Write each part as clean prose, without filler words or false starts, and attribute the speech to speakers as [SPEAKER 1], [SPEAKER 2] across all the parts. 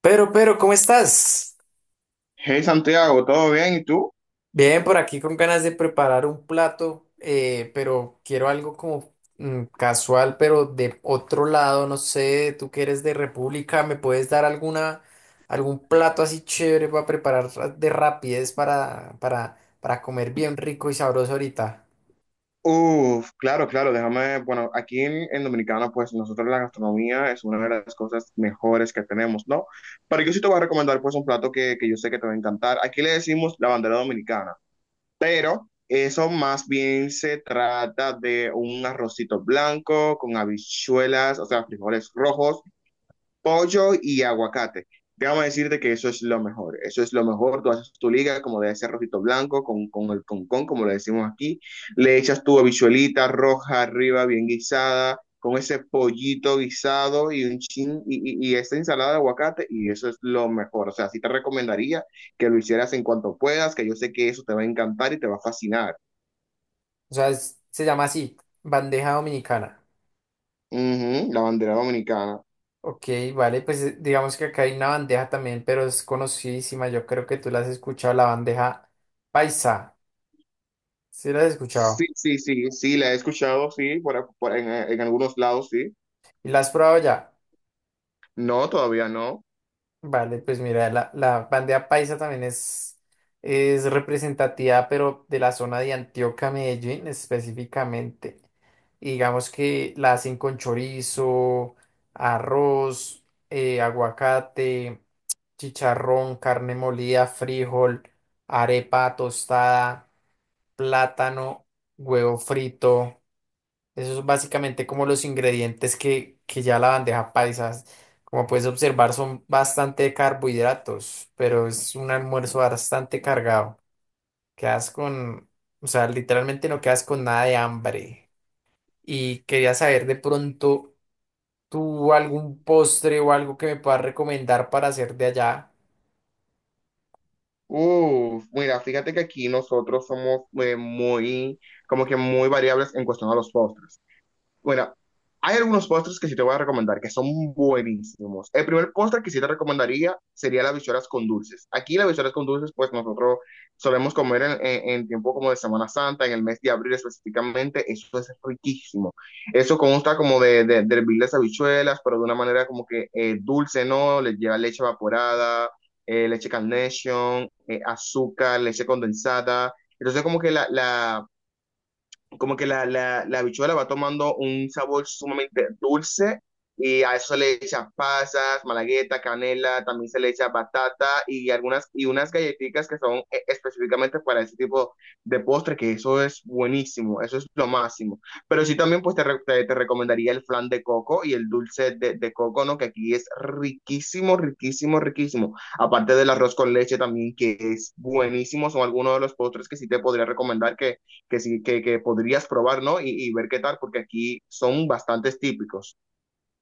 [SPEAKER 1] Pero, ¿cómo estás?
[SPEAKER 2] Hey Santiago, ¿todo bien? ¿Y tú?
[SPEAKER 1] Bien, por aquí con ganas de preparar un plato, pero quiero algo como casual, pero de otro lado, no sé, tú que eres de República, ¿me puedes dar algún plato así chévere para preparar de rapidez para comer bien rico y sabroso ahorita?
[SPEAKER 2] Uf, claro, claro, déjame, bueno, aquí en Dominicana, pues nosotros la gastronomía es una de las cosas mejores que tenemos, ¿no? Pero yo sí te voy a recomendar pues un plato que yo sé que te va a encantar. Aquí le decimos la bandera dominicana. Pero eso más bien se trata de un arrocito blanco con habichuelas, o sea, frijoles rojos, pollo y aguacate. Déjame decirte que eso es lo mejor, eso es lo mejor, tú haces tu liga como debe ser rojito blanco, con el concón, como le decimos aquí, le echas tu habichuelita roja arriba, bien guisada, con ese pollito guisado y un chin, y esta ensalada de aguacate, y eso es lo mejor, o sea, sí te recomendaría que lo hicieras en cuanto puedas, que yo sé que eso te va a encantar y te va a fascinar.
[SPEAKER 1] O sea, se llama así, bandeja dominicana.
[SPEAKER 2] Ujú, la bandera dominicana.
[SPEAKER 1] Ok, vale, pues digamos que acá hay una bandeja también, pero es conocidísima, yo creo que tú la has escuchado, la bandeja paisa. Sí, las he
[SPEAKER 2] Sí,
[SPEAKER 1] escuchado.
[SPEAKER 2] sí, sí, sí, la he escuchado, sí, en algunos lados, sí.
[SPEAKER 1] ¿Y las has probado ya?
[SPEAKER 2] No, todavía no.
[SPEAKER 1] Vale, pues mira, la bandeja paisa también es representativa, pero de la zona de Antioquia, Medellín específicamente. Y digamos que la hacen con chorizo, arroz, aguacate, chicharrón, carne molida, frijol, arepa tostada, plátano, huevo frito. Eso es básicamente como los ingredientes que ya la bandeja paisa, como puedes observar, son bastante carbohidratos, pero es un almuerzo bastante cargado. Quedas con, o sea, literalmente no quedas con nada de hambre. Y quería saber de pronto, ¿tú algún postre o algo que me puedas recomendar para hacer de allá
[SPEAKER 2] Uf, mira, fíjate que aquí nosotros somos muy, como que muy variables en cuestión a los postres. Bueno, hay algunos postres que sí te voy a recomendar que son buenísimos. El primer postre que sí te recomendaría sería las bichuelas con dulces. Aquí las bichuelas con dulces, pues nosotros solemos comer en tiempo como de Semana Santa, en el mes de abril específicamente. Eso es riquísimo. Eso consta como de hervir las habichuelas, pero de una manera como que dulce, ¿no? Le lleva leche evaporada, leche Carnation, azúcar, leche condensada. Entonces como que la como que la habichuela va tomando un sabor sumamente dulce y a eso le echan pasas, malagueta, canela, también se le echa batata y algunas y unas galletitas que son específicamente para ese tipo de postre, que eso es buenísimo, eso es lo máximo. Pero sí también pues te recomendaría el flan de coco y el dulce de coco, ¿no? Que aquí es riquísimo, riquísimo, riquísimo. Aparte del arroz con leche también, que es buenísimo, son algunos de los postres que sí te podría recomendar que podrías probar, ¿no? Y ver qué tal, porque aquí son bastantes típicos.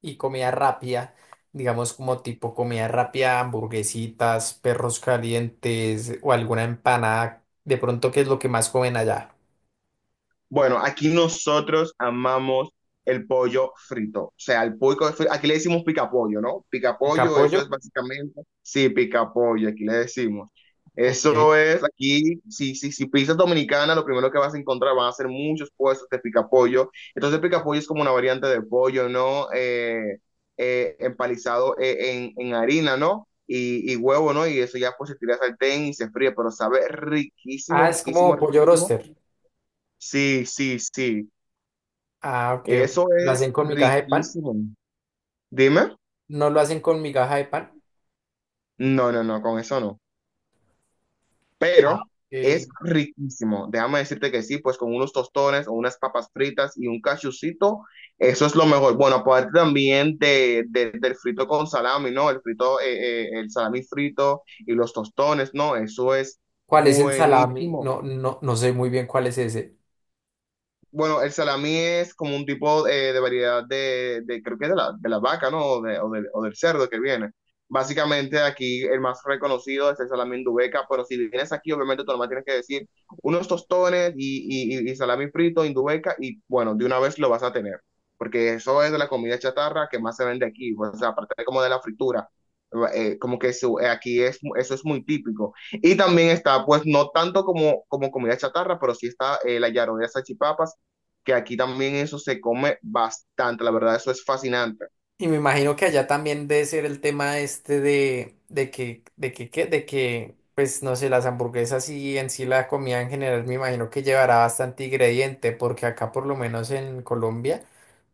[SPEAKER 1] y comida rápida? Digamos como tipo comida rápida, hamburguesitas, perros calientes o alguna empanada. De pronto, ¿qué es lo que más comen allá?
[SPEAKER 2] Bueno, aquí nosotros amamos el pollo frito. O sea, el pollo frito, aquí le decimos picapollo, ¿no?
[SPEAKER 1] Pica
[SPEAKER 2] Picapollo, eso es
[SPEAKER 1] pollo.
[SPEAKER 2] básicamente, sí, picapollo, aquí le decimos.
[SPEAKER 1] Ok.
[SPEAKER 2] Eso es, aquí, si pizzas dominicana, lo primero que vas a encontrar van a ser muchos puestos de picapollo. Entonces, picapollo es como una variante de pollo, ¿no? Empalizado en harina, ¿no? Y huevo, ¿no? Y eso ya pues se tira al sartén y se fríe, pero sabe riquísimo,
[SPEAKER 1] Ah, es
[SPEAKER 2] riquísimo,
[SPEAKER 1] como pollo
[SPEAKER 2] riquísimo.
[SPEAKER 1] roster.
[SPEAKER 2] Sí, sí, sí.
[SPEAKER 1] Ah, ok, ok.
[SPEAKER 2] Eso
[SPEAKER 1] Lo
[SPEAKER 2] es
[SPEAKER 1] hacen con migaja de pan.
[SPEAKER 2] riquísimo. Dime.
[SPEAKER 1] No lo hacen con migaja de pan.
[SPEAKER 2] No, no, no, con eso no. Pero es
[SPEAKER 1] Ok.
[SPEAKER 2] riquísimo. Déjame decirte que sí, pues con unos tostones o unas papas fritas y un cachucito, eso es lo mejor. Bueno, aparte también del frito con salami, ¿no? El frito, el salami frito y los tostones, ¿no? Eso es
[SPEAKER 1] ¿Cuál es el salami?
[SPEAKER 2] buenísimo.
[SPEAKER 1] No, no sé muy bien cuál es ese.
[SPEAKER 2] Bueno, el salami es como un tipo de variedad creo que es de la vaca, ¿no? O del cerdo que viene. Básicamente aquí el más reconocido es el salami indubeca, pero si vienes aquí, obviamente tú nomás tienes que decir unos tostones y salami frito, indubeca, y bueno, de una vez lo vas a tener, porque eso es de la comida chatarra que más se vende aquí, o sea, aparte como de la fritura. Aquí es, eso es muy típico. Y también está, pues, no tanto como comida chatarra, pero sí está la yaroa de salchipapas que aquí también eso se come bastante, la verdad, eso es fascinante.
[SPEAKER 1] Y me imagino que allá también debe ser el tema este de que, pues no sé, las hamburguesas y en sí la comida en general, me imagino que llevará bastante ingrediente, porque acá por lo menos en Colombia,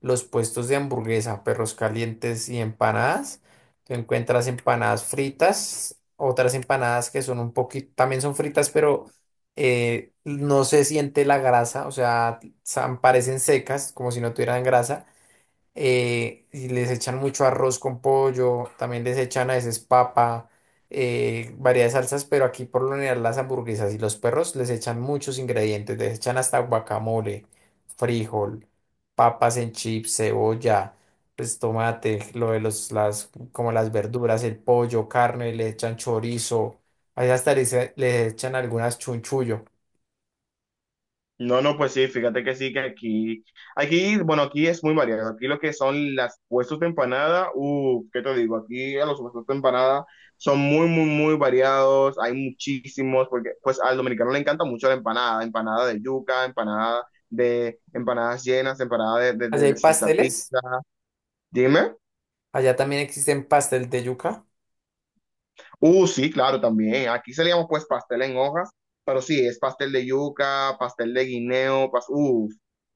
[SPEAKER 1] los puestos de hamburguesa, perros calientes y empanadas, tú encuentras empanadas fritas, otras empanadas que son un poquito, también son fritas, pero no se siente la grasa, o sea, parecen secas, como si no tuvieran grasa y les echan mucho arroz con pollo, también les echan a veces papa, variedad de salsas, pero aquí por lo general las hamburguesas y los perros les echan muchos ingredientes, les echan hasta guacamole, frijol, papas en chips, cebolla, pues tomate, lo de los, las, como las verduras, el pollo, carne, le echan chorizo, allá hasta les echan algunas chunchullo.
[SPEAKER 2] No, no, pues sí, fíjate que sí, bueno, aquí es muy variado. Aquí lo que son las puestos de empanada, ¿qué te digo? Aquí a los puestos de empanada son muy, muy, muy variados, hay muchísimos, porque pues al dominicano le encanta mucho la empanada, empanada de yuca, empanada de empanadas llenas, empanada
[SPEAKER 1] Allá hay
[SPEAKER 2] de salsa pizza.
[SPEAKER 1] pasteles,
[SPEAKER 2] Dime.
[SPEAKER 1] allá también existen pastel de yuca.
[SPEAKER 2] Sí, claro, también. Aquí se le llama pues pastel en hojas, pero sí, es pastel de yuca, pastel de guineo, pas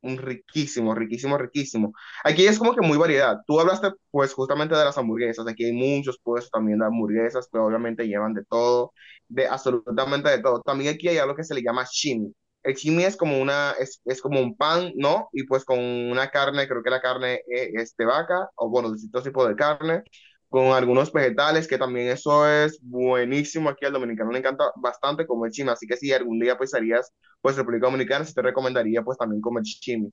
[SPEAKER 2] un riquísimo, riquísimo, riquísimo. Aquí es como que muy variedad. Tú hablaste pues justamente de las hamburguesas. Aquí hay muchos puestos también de hamburguesas que obviamente llevan de todo, de absolutamente de todo. También aquí hay algo que se le llama chimi. El chimi es como una, es como un pan, ¿no? Y pues con una carne, creo que la carne es de vaca, o bueno, distintos tipos de carne con algunos vegetales, que también eso es buenísimo aquí al dominicano, le encanta bastante comer chimi, así que si algún día pues harías, pues República Dominicana, sí te recomendaría pues también comer chimi.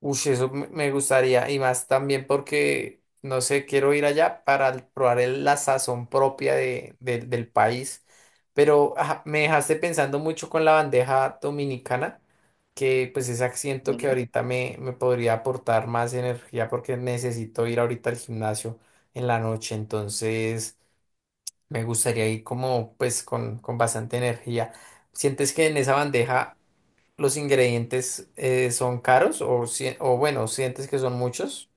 [SPEAKER 1] Uy, eso me gustaría, y más también porque, no sé, quiero ir allá para probar la sazón propia de, del del país, pero ajá, me dejaste pensando mucho con la bandeja dominicana, que pues ese acento que ahorita me podría aportar más energía porque necesito ir ahorita al gimnasio en la noche, entonces me gustaría ir como pues con bastante energía. ¿Sientes que en esa bandeja los ingredientes son caros o, o bueno, sientes que son muchos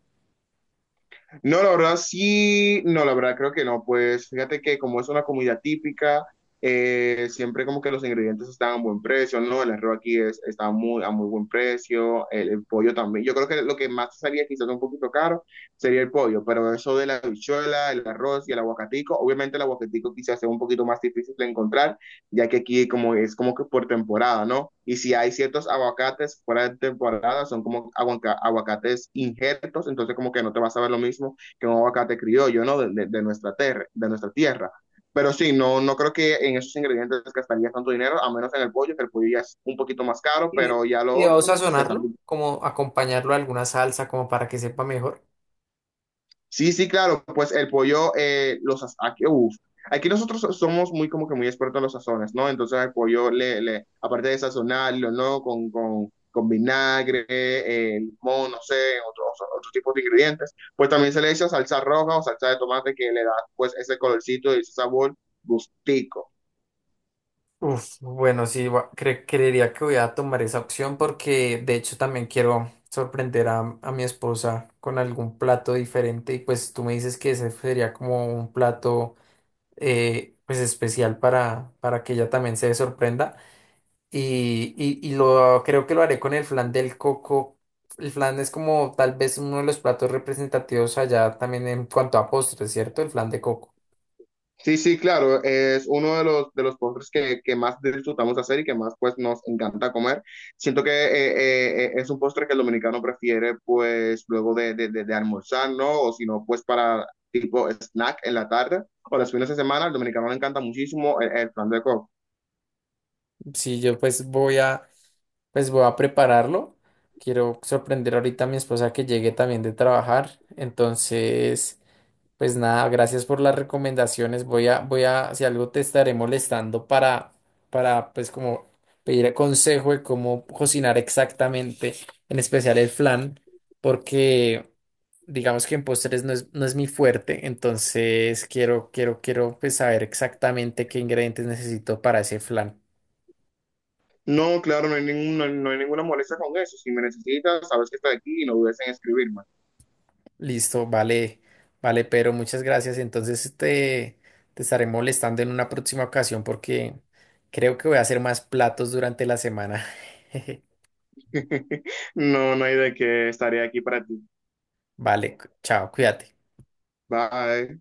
[SPEAKER 2] No, la verdad sí, no, la verdad creo que no, pues fíjate que como es una comida típica, siempre como que los ingredientes están a buen precio, ¿no? El arroz aquí es, está muy, a muy buen precio, el pollo también. Yo creo que lo que más salía quizás un poquito caro sería el pollo, pero eso de la habichuela, el arroz y el aguacatico, obviamente el aguacatico quizás sea un poquito más difícil de encontrar, ya que aquí como es como que por temporada, ¿no? Y si hay ciertos aguacates fuera de temporada, son como aguaca- aguacates injertos, entonces como que no te vas a ver lo mismo que un aguacate criollo, ¿no? De nuestra, tierra, de nuestra tierra. Pero sí, no, no creo que en esos ingredientes gastaría tanto dinero, a menos en el pollo, que el pollo ya es un poquito más caro,
[SPEAKER 1] y, de-
[SPEAKER 2] pero ya
[SPEAKER 1] y
[SPEAKER 2] lo
[SPEAKER 1] debo
[SPEAKER 2] otro ¿no? se sale.
[SPEAKER 1] sazonarlo, como acompañarlo a alguna salsa como para que sepa mejor.
[SPEAKER 2] Sí, sí, claro, pues el pollo, aquí, uf, aquí nosotros so-, somos muy como que muy expertos en los sazones, ¿no? Entonces el pollo, aparte de sazonarlo, ¿no? Con vinagre, limón, no sé, otros otros tipos de ingredientes, pues también se le echa salsa roja o salsa de tomate que le da pues ese colorcito y ese sabor gustico.
[SPEAKER 1] Uf, bueno, sí, creería que voy a tomar esa opción porque de hecho también quiero sorprender a mi esposa con algún plato diferente y pues tú me dices que ese sería como un plato pues especial para que ella también se sorprenda. Y lo creo que lo haré con el flan del coco. El flan es como tal vez uno de los platos representativos allá también en cuanto a postres, ¿cierto? El flan de coco.
[SPEAKER 2] Sí, sí, claro, es uno de los postres que más disfrutamos hacer y que más pues nos encanta comer. Siento que es un postre que el dominicano prefiere pues luego de almorzar, ¿no? O si no, pues para tipo snack en la tarde o los fines de semana, al dominicano le encanta muchísimo el flan de coco.
[SPEAKER 1] Sí, yo pues voy a prepararlo. Quiero sorprender ahorita a mi esposa que llegue también de trabajar. Entonces. Pues nada, gracias por las recomendaciones. Si algo te estaré molestando pues como pedir consejo de cómo cocinar exactamente, en especial el flan, porque digamos que en postres no es mi fuerte, entonces quiero pues saber exactamente qué ingredientes necesito para ese flan.
[SPEAKER 2] No, claro, no hay, ningún- no hay- no hay ninguna molestia con eso. Si me necesitas, sabes que estoy aquí y no dudes en escribirme.
[SPEAKER 1] Listo, vale, pero muchas gracias. Entonces te estaré molestando en una próxima ocasión porque creo que voy a hacer más platos durante la semana.
[SPEAKER 2] No, no hay de qué, estaré aquí para ti.
[SPEAKER 1] Vale, chao, cuídate.
[SPEAKER 2] Bye.